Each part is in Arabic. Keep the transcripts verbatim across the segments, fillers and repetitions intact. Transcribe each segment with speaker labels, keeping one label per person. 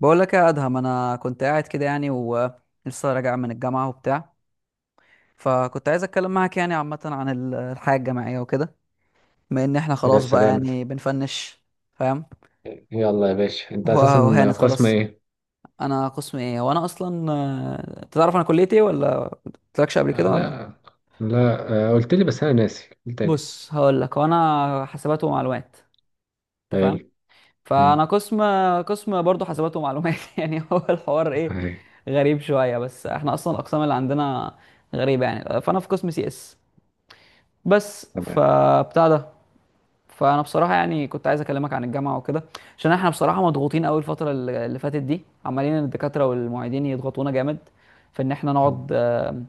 Speaker 1: بقول لك يا ادهم، انا كنت قاعد كده يعني ولسه راجع من الجامعه وبتاع. فكنت عايز اتكلم معاك يعني عامه عن ال- الحياه الجامعيه وكده، بما ان احنا
Speaker 2: يا
Speaker 1: خلاص بقى
Speaker 2: سلام.
Speaker 1: يعني بنفنش فاهم.
Speaker 2: يلا يا باشا،
Speaker 1: و-
Speaker 2: انت اساسا
Speaker 1: وهانت
Speaker 2: قسم
Speaker 1: خلاص.
Speaker 2: ايه؟
Speaker 1: انا قسم ايه وانا اصلا، آه، تعرف انا كليتي ايه ولا قلتلكش قبل
Speaker 2: آه،
Speaker 1: كده ولا؟
Speaker 2: لا لا. آه قلت لي بس انا ناسي، قلت تاني.
Speaker 1: بص، هقول لك، وانا حاسبات ومعلومات، انت
Speaker 2: حلو.
Speaker 1: فاهم؟
Speaker 2: مم.
Speaker 1: فانا قسم قسم برضه حاسبات ومعلومات يعني هو الحوار ايه
Speaker 2: هاي.
Speaker 1: غريب شويه، بس احنا اصلا الاقسام اللي عندنا غريبه يعني. فانا في قسم سي اس بس،
Speaker 2: تمام.
Speaker 1: فبتاع ده. فانا بصراحه يعني كنت عايز اكلمك عن الجامعه وكده، عشان احنا بصراحه مضغوطين قوي الفتره الل- اللي فاتت دي. عمالين الدكاتره والمعيدين يضغطونا جامد في ان احنا
Speaker 2: مم.
Speaker 1: نقعد، آه،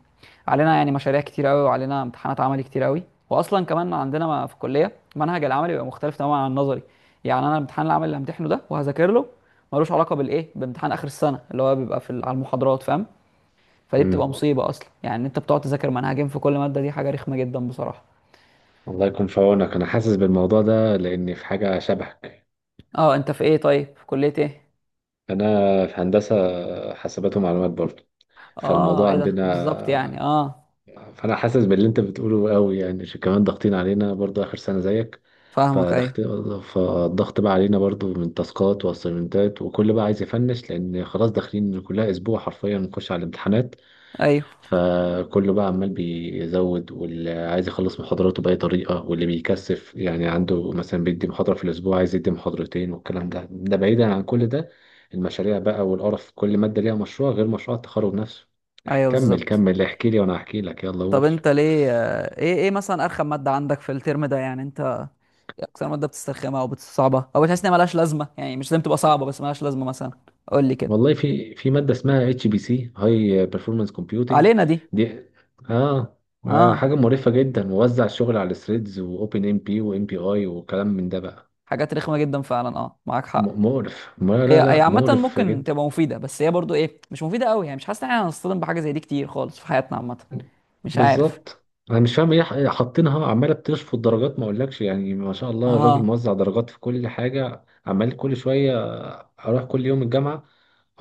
Speaker 1: علينا يعني مشاريع كتير قوي وعلينا امتحانات عملي كتير قوي. واصلا كمان عندنا ما- في الكليه منهج العملي بيبقى مختلف تماما عن النظري. يعني انا الامتحان العملي اللي همتحنه ده وهذاكر له ملوش علاقه بالايه، بامتحان اخر السنه اللي هو بيبقى في ال- على المحاضرات فاهم. فدي
Speaker 2: مم.
Speaker 1: بتبقى مصيبه اصلا يعني، إن انت بتقعد تذاكر منهجين في كل ماده، دي حاجه رخمه جدا بصراحه.
Speaker 2: الله يكون في عونك، انا حاسس بالموضوع ده لاني في حاجه شبهك.
Speaker 1: اه انت في ايه؟ طيب في كليه ايه؟
Speaker 2: انا في هندسه حاسبات ومعلومات برضه،
Speaker 1: اه،
Speaker 2: فالموضوع
Speaker 1: ايه ده بالظبط
Speaker 2: عندنا.
Speaker 1: يعني؟ اه،
Speaker 2: فانا حاسس باللي انت بتقوله قوي، يعني ش- كمان ضاغطين علينا برضو اخر سنه زيك.
Speaker 1: فاهمك، ايوه
Speaker 2: فضغط. فالضغط بقى علينا برضو من تاسكات واسايمنتات، وكل بقى عايز يفنش لان خلاص داخلين كلها اسبوع حرفيا نخش على الامتحانات.
Speaker 1: ايوه
Speaker 2: فكله بقى عمال بيزود، واللي عايز يخلص محاضراته باي طريقه، واللي بيكثف يعني عنده مثلا بيدي محاضره في الاسبوع عايز يدي محاضرتين، والكلام ده ده بعيدا عن كل ده. المشاريع بقى والقرف، كل ماده ليها مشروع غير مشروع التخرج نفسه. اح-
Speaker 1: ايوه،
Speaker 2: كمل
Speaker 1: بالظبط.
Speaker 2: كمل احكي لي وانا احكي لك، يلا
Speaker 1: طب
Speaker 2: قول.
Speaker 1: انت ليه، آه، ايه ايه مثلا ارخم ماده عندك في الترم ده يعني، انت إيه اكتر ماده بتسترخمها او بتصعبها او بتحس انها ملهاش لازمه؟ يعني مش لازم تبقى صعبه بس ملهاش لازمه مثلا. قول لي كده.
Speaker 2: والله في في ماده اسمها اتش بي سي، هاي بيرفورمانس كومبيوتنج.
Speaker 1: علينا دي؟
Speaker 2: دي اه. آه، حاجه
Speaker 1: اه،
Speaker 2: مقرفه جدا، موزع الشغل على ثريدز واوبن ام بي وام بي اي وكلام من ده بقى.
Speaker 1: حاجات رخمه جدا فعلا، اه معاك حق.
Speaker 2: م- مقرف. ما
Speaker 1: هي
Speaker 2: لا
Speaker 1: هي
Speaker 2: لا،
Speaker 1: عامه
Speaker 2: مقرف
Speaker 1: ممكن
Speaker 2: جدا.
Speaker 1: تبقى مفيده، بس هي برضو ايه، مش مفيده قوي يعني. مش حاسس ان احنا هنصطدم بحاجه زي دي كتير خالص في حياتنا عامه، مش عارف.
Speaker 2: بالظبط. انا مش فاهم ايه ح- حاطينها، عماله بتشفط درجات ما اقولكش، يعني ما شاء الله الراجل
Speaker 1: اه
Speaker 2: موزع درجات في كل حاجه، عمال كل شويه اروح كل يوم الجامعه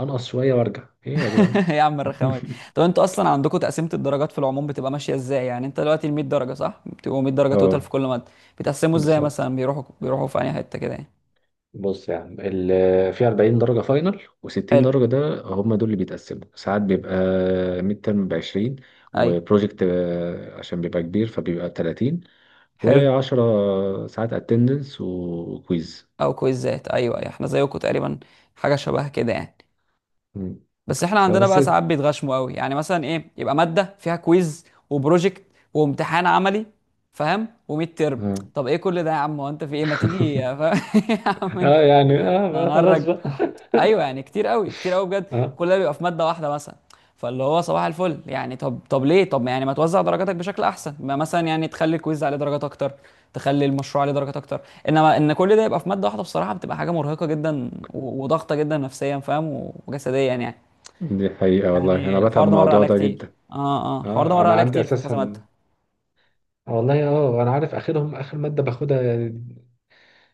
Speaker 2: انقص شويه وارجع. ايه يا جدعان؟
Speaker 1: يا عم الرخامه دي! طب انتوا اصلا عندكم تقسيمه الدرجات في العموم بتبقى ماشيه ازاي؟ يعني انت دلوقتي ال مية درجه، صح؟ بتبقوا مئة درجه توتال في
Speaker 2: اه،
Speaker 1: كل ماده. بتقسموا ازاي
Speaker 2: بالظبط.
Speaker 1: مثلا؟ بيروحوا بيروحوا في اي حته كده يعني.
Speaker 2: بص يا عم، ال- في 40 درجة فاينل و60
Speaker 1: حلو،
Speaker 2: درجة، ده هم دول اللي بيتقسموا. ساعات بيبقى ميد ترم ب عشرين،
Speaker 1: ايوه،
Speaker 2: وبروجكت آه، عشان بيبقى كبير فبيبقى ثلاثين،
Speaker 1: حلو.
Speaker 2: و10 ساعات اتندنس وكويز.
Speaker 1: او كويزات، ايوه ايوه، احنا زيكم تقريبا، حاجه شبه كده يعني.
Speaker 2: مم.
Speaker 1: بس احنا عندنا
Speaker 2: فبس
Speaker 1: بقى ساعات بيتغشموا قوي يعني، مثلا ايه، يبقى ماده فيها كويز وبروجكت وامتحان عملي، فاهم؟ و100 ترم.
Speaker 2: اه
Speaker 1: طب ايه كل ده يا عم، هو انت في ايه؟ ما تيجي يا فاهم، يا عم انت!
Speaker 2: آه يعني اه بقى خلاص
Speaker 1: انا،
Speaker 2: بقى.
Speaker 1: ايوه يعني كتير قوي، كتير قوي بجد.
Speaker 2: اه.
Speaker 1: كل ده بيبقى في ماده واحده مثلا. فاللي هو صباح الفل يعني. طب طب ليه؟ طب يعني ما توزع درجاتك بشكل احسن؟ ما مثلا يعني تخلي الكويز عليه درجات اكتر، تخلي المشروع عليه درجات اكتر. انما ان كل ده يبقى في ماده واحده، بصراحه بتبقى حاجه مرهقه جدا و- وضغطه جدا نفسيا، فاهم، و- وجسديا يعني.
Speaker 2: دي حقيقة والله،
Speaker 1: يعني
Speaker 2: انا بتعب
Speaker 1: الحوار
Speaker 2: من
Speaker 1: ده مر
Speaker 2: الموضوع
Speaker 1: عليا
Speaker 2: ده
Speaker 1: كتير،
Speaker 2: جدا.
Speaker 1: اه اه، الحوار ده
Speaker 2: اه،
Speaker 1: مر
Speaker 2: انا
Speaker 1: عليا
Speaker 2: عندي
Speaker 1: كتير في كذا ماده.
Speaker 2: اساسا، والله اه انا عارف اخرهم اخر مادة باخدها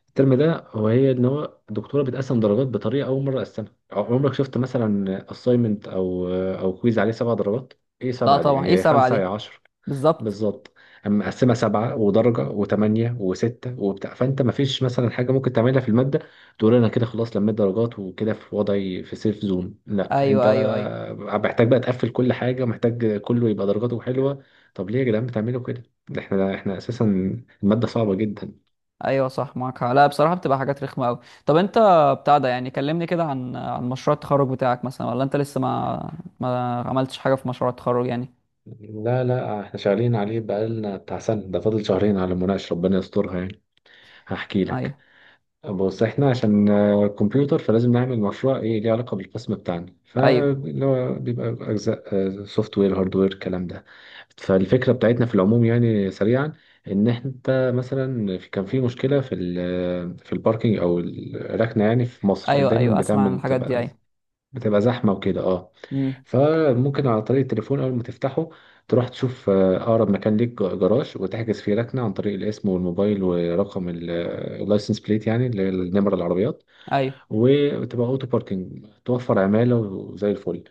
Speaker 2: الترم ده. هو هي ان هو الدكتوره بتقسم درجات بطريقه، اول مره اقسمها. عمرك شفت مثلا assignment او او كويز عليه سبع درجات؟ ايه
Speaker 1: لا
Speaker 2: سبعه دي؟
Speaker 1: طبعا، ايه
Speaker 2: يعني
Speaker 1: سبعه
Speaker 2: خمسه
Speaker 1: دي!
Speaker 2: يا عشر.
Speaker 1: بالظبط،
Speaker 2: بالظبط. اما مقسمه سبعه ودرجه وثمانيه وسته وبتاع، فانت ما فيش مثلا حاجه ممكن تعملها في الماده تقول انا كده خلاص لميت درجات وكده، في وضعي في سيف زون. لا انت
Speaker 1: ايوه ايوه ايوه
Speaker 2: محتاج بقى تقفل كل حاجه، محتاج كله يبقى درجاته حلوه. طب ليه يا جدعان بتعملوا كده؟ ده احنا احنا اساسا الماده صعبه جدا.
Speaker 1: ايوه، صح معاك حق. لا بصراحه بتبقى حاجات رخمه قوي. طب انت بتاع ده يعني، كلمني كده عن عن مشروع التخرج بتاعك مثلا، ولا انت لسه ما ما عملتش حاجه في مشروع التخرج يعني؟
Speaker 2: لا لا، احنا شغالين عليه بقالنا بتاع سنة، ده فاضل شهرين على المناقشة، ربنا يسترها يعني. هحكي لك.
Speaker 1: ايوه
Speaker 2: بص احنا عشان آه، كمبيوتر، فلازم نعمل مشروع ايه ليه علاقة بالقسم بتاعنا،
Speaker 1: ايوه
Speaker 2: فاللي هو بيبقى اجزاء سوفت وير هارد وير الكلام ده. فالفكرة بتاعتنا في العموم يعني سريعا، ان انت مثلا في- كان في مشكلة في ال- في الباركينج او الركنة. يعني في مصر
Speaker 1: ايوه،
Speaker 2: دايما
Speaker 1: ايوه اسمع عن
Speaker 2: بتعمل
Speaker 1: الحاجات دي،
Speaker 2: بتبقى
Speaker 1: ايوه.
Speaker 2: بتبقى زحمة وكده، اه.
Speaker 1: امم،
Speaker 2: فممكن على طريق التليفون، أول ما تفتحه تروح تشوف آه، أقرب مكان ليك ج- جراج، وتحجز فيه ركنة عن طريق الاسم والموبايل ورقم ال- آه، اللايسنس بليت يعني اللي هي النمرة، العربيات.
Speaker 1: ايوه،
Speaker 2: وتبقى أوتو باركنج، توفر عمالة وزي الفل.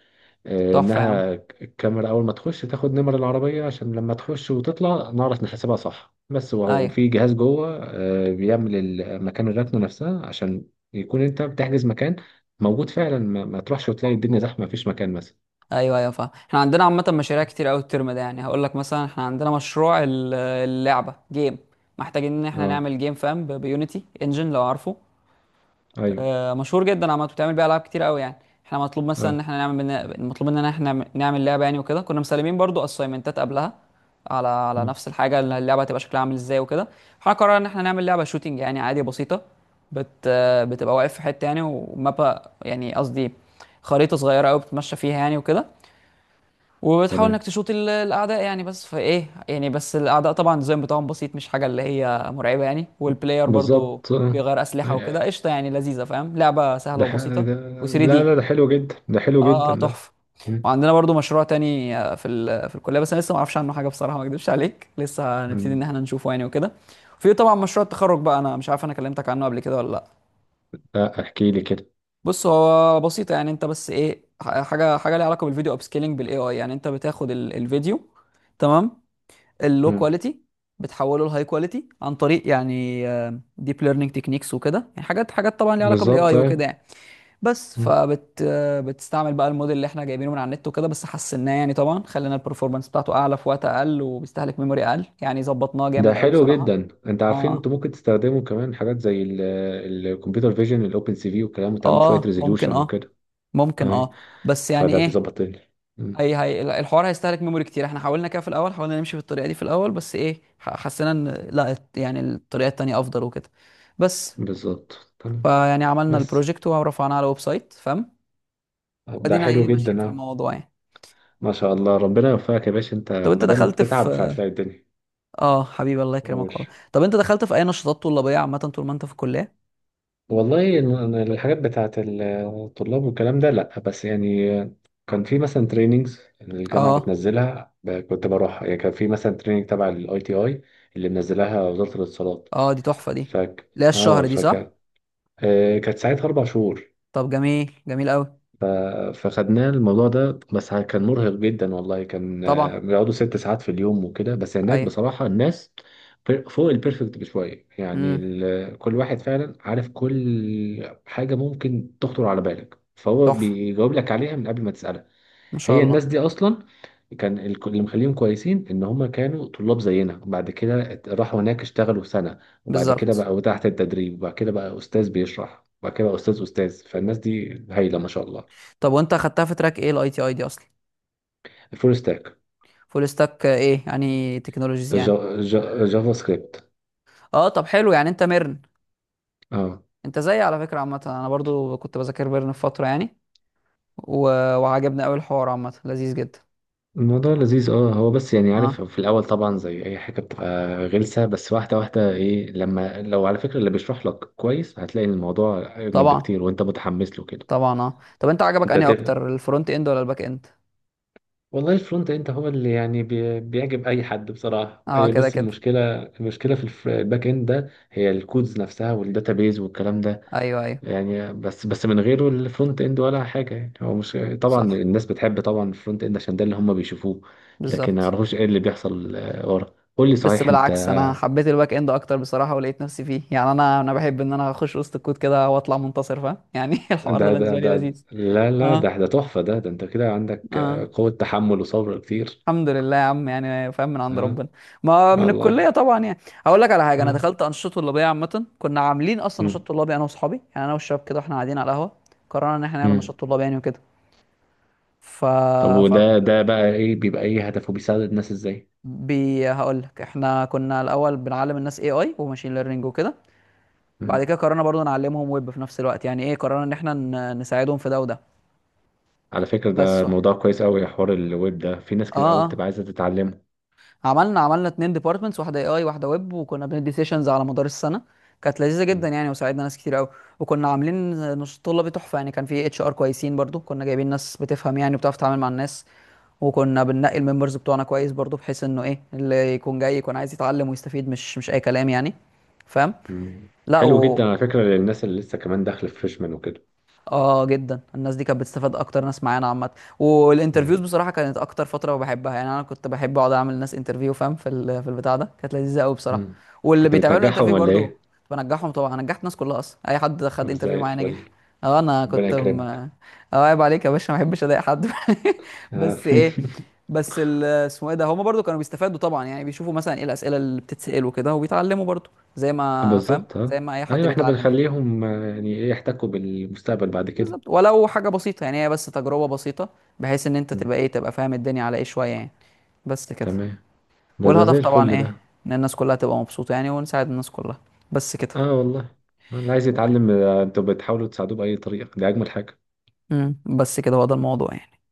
Speaker 2: آه،
Speaker 1: تحفه يا عم،
Speaker 2: إنها ك- الكاميرا أول ما تخش تاخد نمر العربية، عشان لما تخش وتطلع نعرف نحسبها صح بس، و-
Speaker 1: ايوه
Speaker 2: وفي جهاز جوه آه، بيعمل ال- مكان الركنة نفسها، عشان يكون أنت بتحجز مكان موجود فعلا، ما ما تروحش وتلاقي الدنيا زحمة مفيش مكان مثلا.
Speaker 1: ايوه ايوه، فاهم. احنا عندنا عامه مشاريع كتير قوي الترم ده يعني. هقول لك مثلا، احنا عندنا مشروع ال- اللعبه جيم. محتاجين ان احنا
Speaker 2: اه.
Speaker 1: نعمل جيم، فاهم، ب- بيونيتي انجن لو عارفه.
Speaker 2: ايوه.
Speaker 1: آه، مشهور جدا عامة، بتعمل بيه العاب كتير قوي يعني. احنا مطلوب مثلا ان
Speaker 2: اه.
Speaker 1: احنا نعمل بنا... مطلوب مننا ان احنا نعمل لعبه يعني وكده. كنا مسلمين برضو اساينمنتات قبلها على على
Speaker 2: مم.
Speaker 1: نفس الحاجه، اللي اللعبه هتبقى شكلها عامل ازاي وكده. احنا قررنا ان احنا نعمل لعبه شوتينج يعني، عادي بسيطه. بت... آه، بتبقى واقف في حته يعني، ومابا يعني قصدي خريطه صغيره قوي بتتمشى فيها يعني وكده، وبتحاول انك
Speaker 2: تمام.
Speaker 1: تشوط ال- الاعداء يعني. بس فايه يعني، بس الاعداء طبعا الديزاين بتاعهم بسيط، مش حاجه اللي هي مرعبه يعني. والبلاير برضو
Speaker 2: بالظبط، اه.
Speaker 1: بيغير اسلحه وكده،
Speaker 2: أي-
Speaker 1: قشطه يعني، لذيذه، فاهم، لعبه سهله
Speaker 2: ده, ح...
Speaker 1: وبسيطه
Speaker 2: ده.
Speaker 1: و3
Speaker 2: لا
Speaker 1: دي.
Speaker 2: لا، ده حلو جدا، ده حلو
Speaker 1: اه
Speaker 2: جدا
Speaker 1: اه،
Speaker 2: ده.
Speaker 1: تحفه.
Speaker 2: مم.
Speaker 1: وعندنا برضو مشروع تاني، آه، في ال- في الكليه، بس انا لسه ما اعرفش عنه حاجه بصراحه، ما اكدبش عليك، لسه هنبتدي ان
Speaker 2: مم.
Speaker 1: احنا نشوفه يعني وكده. في طبعا مشروع التخرج بقى، انا مش عارف انا كلمتك عنه قبل كده ولا لا.
Speaker 2: لا، احكي لي كده.
Speaker 1: بص، هو بسيطه يعني، انت بس ايه، ح- حاجه حاجه ليها علاقه بالفيديو اب سكيلينج بالاي اي يعني. انت بتاخد ال- الفيديو، تمام، اللو
Speaker 2: مم.
Speaker 1: كواليتي، بتحوله لهاي كواليتي عن طريق يعني ديب ليرنينج تكنيكس وكده يعني، حاجات حاجات طبعا ليها علاقه بالاي
Speaker 2: بالظبط،
Speaker 1: اي وكده
Speaker 2: ايوه.
Speaker 1: يعني. بس
Speaker 2: مم.
Speaker 1: فبت آه، بتستعمل بقى الموديل اللي احنا جايبينه من على النت وكده، بس حسناه يعني طبعا، خلينا البرفورمانس بتاعته اعلى في وقت اقل، وبيستهلك ميموري اقل يعني، ظبطناه
Speaker 2: ده
Speaker 1: جامد قوي
Speaker 2: حلو
Speaker 1: بصراحه.
Speaker 2: جدا. انت عارفين
Speaker 1: اه
Speaker 2: انتوا ممكن تستخدموا كمان حاجات زي الكمبيوتر فيجن، الاوبن سي في والكلام، وتعمل شويه
Speaker 1: اه، ممكن
Speaker 2: ريزوليوشن
Speaker 1: اه،
Speaker 2: وكده.
Speaker 1: ممكن
Speaker 2: اي،
Speaker 1: اه، بس يعني
Speaker 2: فده
Speaker 1: ايه،
Speaker 2: بيظبط ال- مم.
Speaker 1: هي هي الحوار هيستهلك ميموري كتير. احنا حاولنا كده في الاول، حاولنا نمشي في الطريقه دي في الاول، بس ايه ح- حسينا ان لا، الت- يعني الطريقه التانيه افضل وكده بس.
Speaker 2: بالظبط، تمام.
Speaker 1: فيعني عملنا
Speaker 2: بس
Speaker 1: البروجكت ورفعناه على الويب سايت، فاهم،
Speaker 2: ده
Speaker 1: وادينا
Speaker 2: حلو
Speaker 1: ايه
Speaker 2: جدا،
Speaker 1: ماشيين في
Speaker 2: اه.
Speaker 1: الموضوع يعني.
Speaker 2: ما شاء الله، ربنا يوفقك يا باشا
Speaker 1: طب
Speaker 2: انت،
Speaker 1: انت
Speaker 2: ما دام
Speaker 1: دخلت في
Speaker 2: بتتعب فهتلاقي الدنيا.
Speaker 1: اه حبيبي، الله يكرمك
Speaker 2: قول.
Speaker 1: والله. طب انت دخلت في اي نشاطات طلابيه عامه طول ما انت في الكليه؟
Speaker 2: والله الم- أنا الحاجات بتاعت الطلاب والكلام ده لا، بس يعني كان في مثلا تريننجز الجامعه
Speaker 1: اه
Speaker 2: بتنزلها، ب- كنت بروحها. يعني كان في مثلا تريننج تبع الاي تي اي اللي منزلها وزاره الاتصالات.
Speaker 1: اه، دي تحفه دي.
Speaker 2: فك
Speaker 1: لا
Speaker 2: اه
Speaker 1: الشهر دي
Speaker 2: فك.
Speaker 1: صح؟
Speaker 2: آه، كانت ساعتها اربع شهور.
Speaker 1: طب جميل، جميل قوي.
Speaker 2: ف- فخدناه الموضوع ده، بس كان مرهق جدا والله، كان
Speaker 1: طبعا،
Speaker 2: آه، بيقعدوا ست ساعات في اليوم وكده، بس هناك
Speaker 1: ايوه،
Speaker 2: بصراحة الناس بير- فوق البيرفكت بشوية يعني.
Speaker 1: امم،
Speaker 2: ال- كل واحد فعلا عارف كل حاجة ممكن تخطر على بالك، فهو
Speaker 1: تحفه،
Speaker 2: بيجاوب لك عليها من قبل ما تسألها.
Speaker 1: ما شاء
Speaker 2: هي
Speaker 1: الله،
Speaker 2: الناس دي أصلا كان ال- اللي مخليهم كويسين ان هم كانوا طلاب زينا، وبعد كده ات- راحوا هناك اشتغلوا سنة، وبعد كده
Speaker 1: بالظبط.
Speaker 2: بقوا تحت التدريب، وبعد كده بقى استاذ بيشرح، وبعد كده بقى استاذ استاذ. فالناس دي هايلة ما شاء الله.
Speaker 1: طب وانت اخدتها في تراك ايه الاي تي اي دي اصلا؟
Speaker 2: فول ستاك.
Speaker 1: فول ستاك ايه يعني تكنولوجيز يعني؟
Speaker 2: جا- جا- جافا سكريبت.
Speaker 1: اه طب حلو يعني، انت ميرن.
Speaker 2: اه.
Speaker 1: انت زيي على فكره عامه، انا برضو كنت بذاكر ميرن في فتره يعني و... وعجبني قوي الحوار، عامه لذيذ جدا.
Speaker 2: الموضوع لذيذ، اه، هو بس يعني عارف
Speaker 1: اه
Speaker 2: في الاول طبعا زي اي حاجه بتبقى غلسه، بس واحده واحده، ايه لما لو على فكره اللي بيشرح لك كويس هتلاقي الموضوع اجمل
Speaker 1: طبعا،
Speaker 2: بكتير وانت متحمس له كده.
Speaker 1: طبعا. اه طب انت عجبك
Speaker 2: انت
Speaker 1: انهي
Speaker 2: تفهم.
Speaker 1: اكتر، الفرونت اند ولا الباك اند؟
Speaker 2: والله الفرونت اند هو اللي يعني بي- بيعجب اي حد بصراحه،
Speaker 1: اه
Speaker 2: هي
Speaker 1: كده
Speaker 2: بس
Speaker 1: كده،
Speaker 2: المشكله المشكله في الف- الباك اند ده، هي الكودز نفسها والداتابيز والكلام ده.
Speaker 1: ايوه ايوه،
Speaker 2: يعني بس بس من غيره الفرونت اند ولا حاجه يعني. هو مش طبعا
Speaker 1: صح،
Speaker 2: الناس بتحب طبعا الفرونت اند عشان ده اللي هم بيشوفوه، لكن ما
Speaker 1: بالظبط.
Speaker 2: يعرفوش ايه اللي بيحصل آه، ورا. قول لي
Speaker 1: بس
Speaker 2: صحيح انت.
Speaker 1: بالعكس، انا حبيت الباك اند اكتر بصراحه، ولقيت نفسي فيه يعني. انا انا بحب ان انا اخش وسط الكود كده واطلع منتصر، فاهم يعني الحوار ده
Speaker 2: ده ده
Speaker 1: بالنسبه لي
Speaker 2: ده
Speaker 1: لذيذ.
Speaker 2: لا لا،
Speaker 1: اه
Speaker 2: ده ده تحفه ده ده. انت كده عندك
Speaker 1: اه،
Speaker 2: آه، قوه تحمل وصبر كتير.
Speaker 1: الحمد لله يا عم يعني، فاهم، من عند
Speaker 2: ها.
Speaker 1: ربنا، ما من
Speaker 2: والله
Speaker 1: الكليه
Speaker 2: يعني.
Speaker 1: طبعا يعني. هقول لك على حاجه، انا
Speaker 2: ها.
Speaker 1: دخلت انشطه طلابيه عامه. كنا عاملين اصلا
Speaker 2: مم.
Speaker 1: نشاط طلابي، انا واصحابي يعني، انا والشباب كده. واحنا قاعدين على القهوه قررنا ان احنا نعمل
Speaker 2: مم.
Speaker 1: نشاط طلابي يعني وكده. ف,
Speaker 2: طب
Speaker 1: ف...
Speaker 2: وده ده بقى ايه، بيبقى ايه هدفه، بيساعد الناس ازاي؟
Speaker 1: بي هقول لك، احنا كنا الاول بنعلم الناس اي اي وماشين ليرنينج وكده. بعد
Speaker 2: مم.
Speaker 1: كده قررنا برضو نعلمهم ويب في نفس الوقت يعني ايه، قررنا ان احنا ن... نساعدهم في ده وده.
Speaker 2: على فكره ده
Speaker 1: بس اه
Speaker 2: موضوع كويس قوي، حوار الويب ده في ناس كتير قوي
Speaker 1: اه،
Speaker 2: بتبقى عايزه تتعلمه.
Speaker 1: عملنا عملنا اتنين ديبارتمنتس، واحده اي اي واحده ويب، وكنا بندي سيشنز على مدار السنه. كانت لذيذه جدا
Speaker 2: مم.
Speaker 1: يعني، وساعدنا ناس كتير قوي. وكنا عاملين نص طلبي تحفه يعني، كان في اتش ار كويسين برضو، كنا جايبين ناس بتفهم يعني وبتعرف تتعامل مع الناس. وكنا بننقي الممبرز بتوعنا كويس برضو، بحيث انه ايه، اللي يكون جاي يكون عايز يتعلم ويستفيد، مش مش اي كلام يعني، فاهم.
Speaker 2: مم.
Speaker 1: لا
Speaker 2: حلو
Speaker 1: و...
Speaker 2: جدا على فكرة، للناس اللي لسه كمان داخلة في فريشمان وكده.
Speaker 1: اه جدا، الناس دي كانت بتستفاد اكتر ناس معانا عامه. والانترفيوز
Speaker 2: أيوة.
Speaker 1: بصراحه كانت اكتر فتره بحبها يعني، انا كنت بحب اقعد اعمل ناس انترفيو، فاهم، في ال- في البتاع ده كانت لذيذه قوي بصراحه.
Speaker 2: مم.
Speaker 1: واللي
Speaker 2: كنت
Speaker 1: بيتعملوا
Speaker 2: بتنجحهم
Speaker 1: انترفيو
Speaker 2: ولا
Speaker 1: برضو
Speaker 2: إيه؟
Speaker 1: كنت بنجحهم طبعا. أنا نجحت الناس كلها اصلا، اي حد خد انترفيو
Speaker 2: زي
Speaker 1: معايا نجح.
Speaker 2: الفل.
Speaker 1: اه انا
Speaker 2: ربنا
Speaker 1: كنت م... اه
Speaker 2: يكرمك.
Speaker 1: عيب عليك يا باشا، ما بحبش اضايق حد
Speaker 2: آه.
Speaker 1: بس ايه، بس ال- اسمه ايه ده، هما برضو كانوا بيستفادوا طبعا يعني، بيشوفوا مثلا ايه الاسئله اللي بتتسال وكده، وبيتعلموا برضو زي ما فاهم،
Speaker 2: بالظبط،
Speaker 1: زي
Speaker 2: اه.
Speaker 1: ما اي حد
Speaker 2: أيوة إحنا
Speaker 1: بيتعلم يعني.
Speaker 2: بنخليهم آه، يعني إيه، يحتكوا بالمستقبل بعد كده.
Speaker 1: بالظبط. ولو حاجة بسيطة يعني، هي بس تجربة بسيطة، بحيث ان انت
Speaker 2: مم.
Speaker 1: تبقى ايه، تبقى فاهم الدنيا على ايه شوية يعني. بس كده.
Speaker 2: تمام. ده ده زي
Speaker 1: والهدف
Speaker 2: الفل
Speaker 1: طبعا
Speaker 2: ده.
Speaker 1: ايه، ان الناس كلها تبقى مبسوطة يعني، ونساعد الناس كلها. بس كده.
Speaker 2: آه والله، اللي عايز يتعلم آه، أنتوا بتحاولوا تساعدوه بأي طريقة، دي أجمل حاجة.
Speaker 1: امم، بس كده، هو ده الموضوع يعني.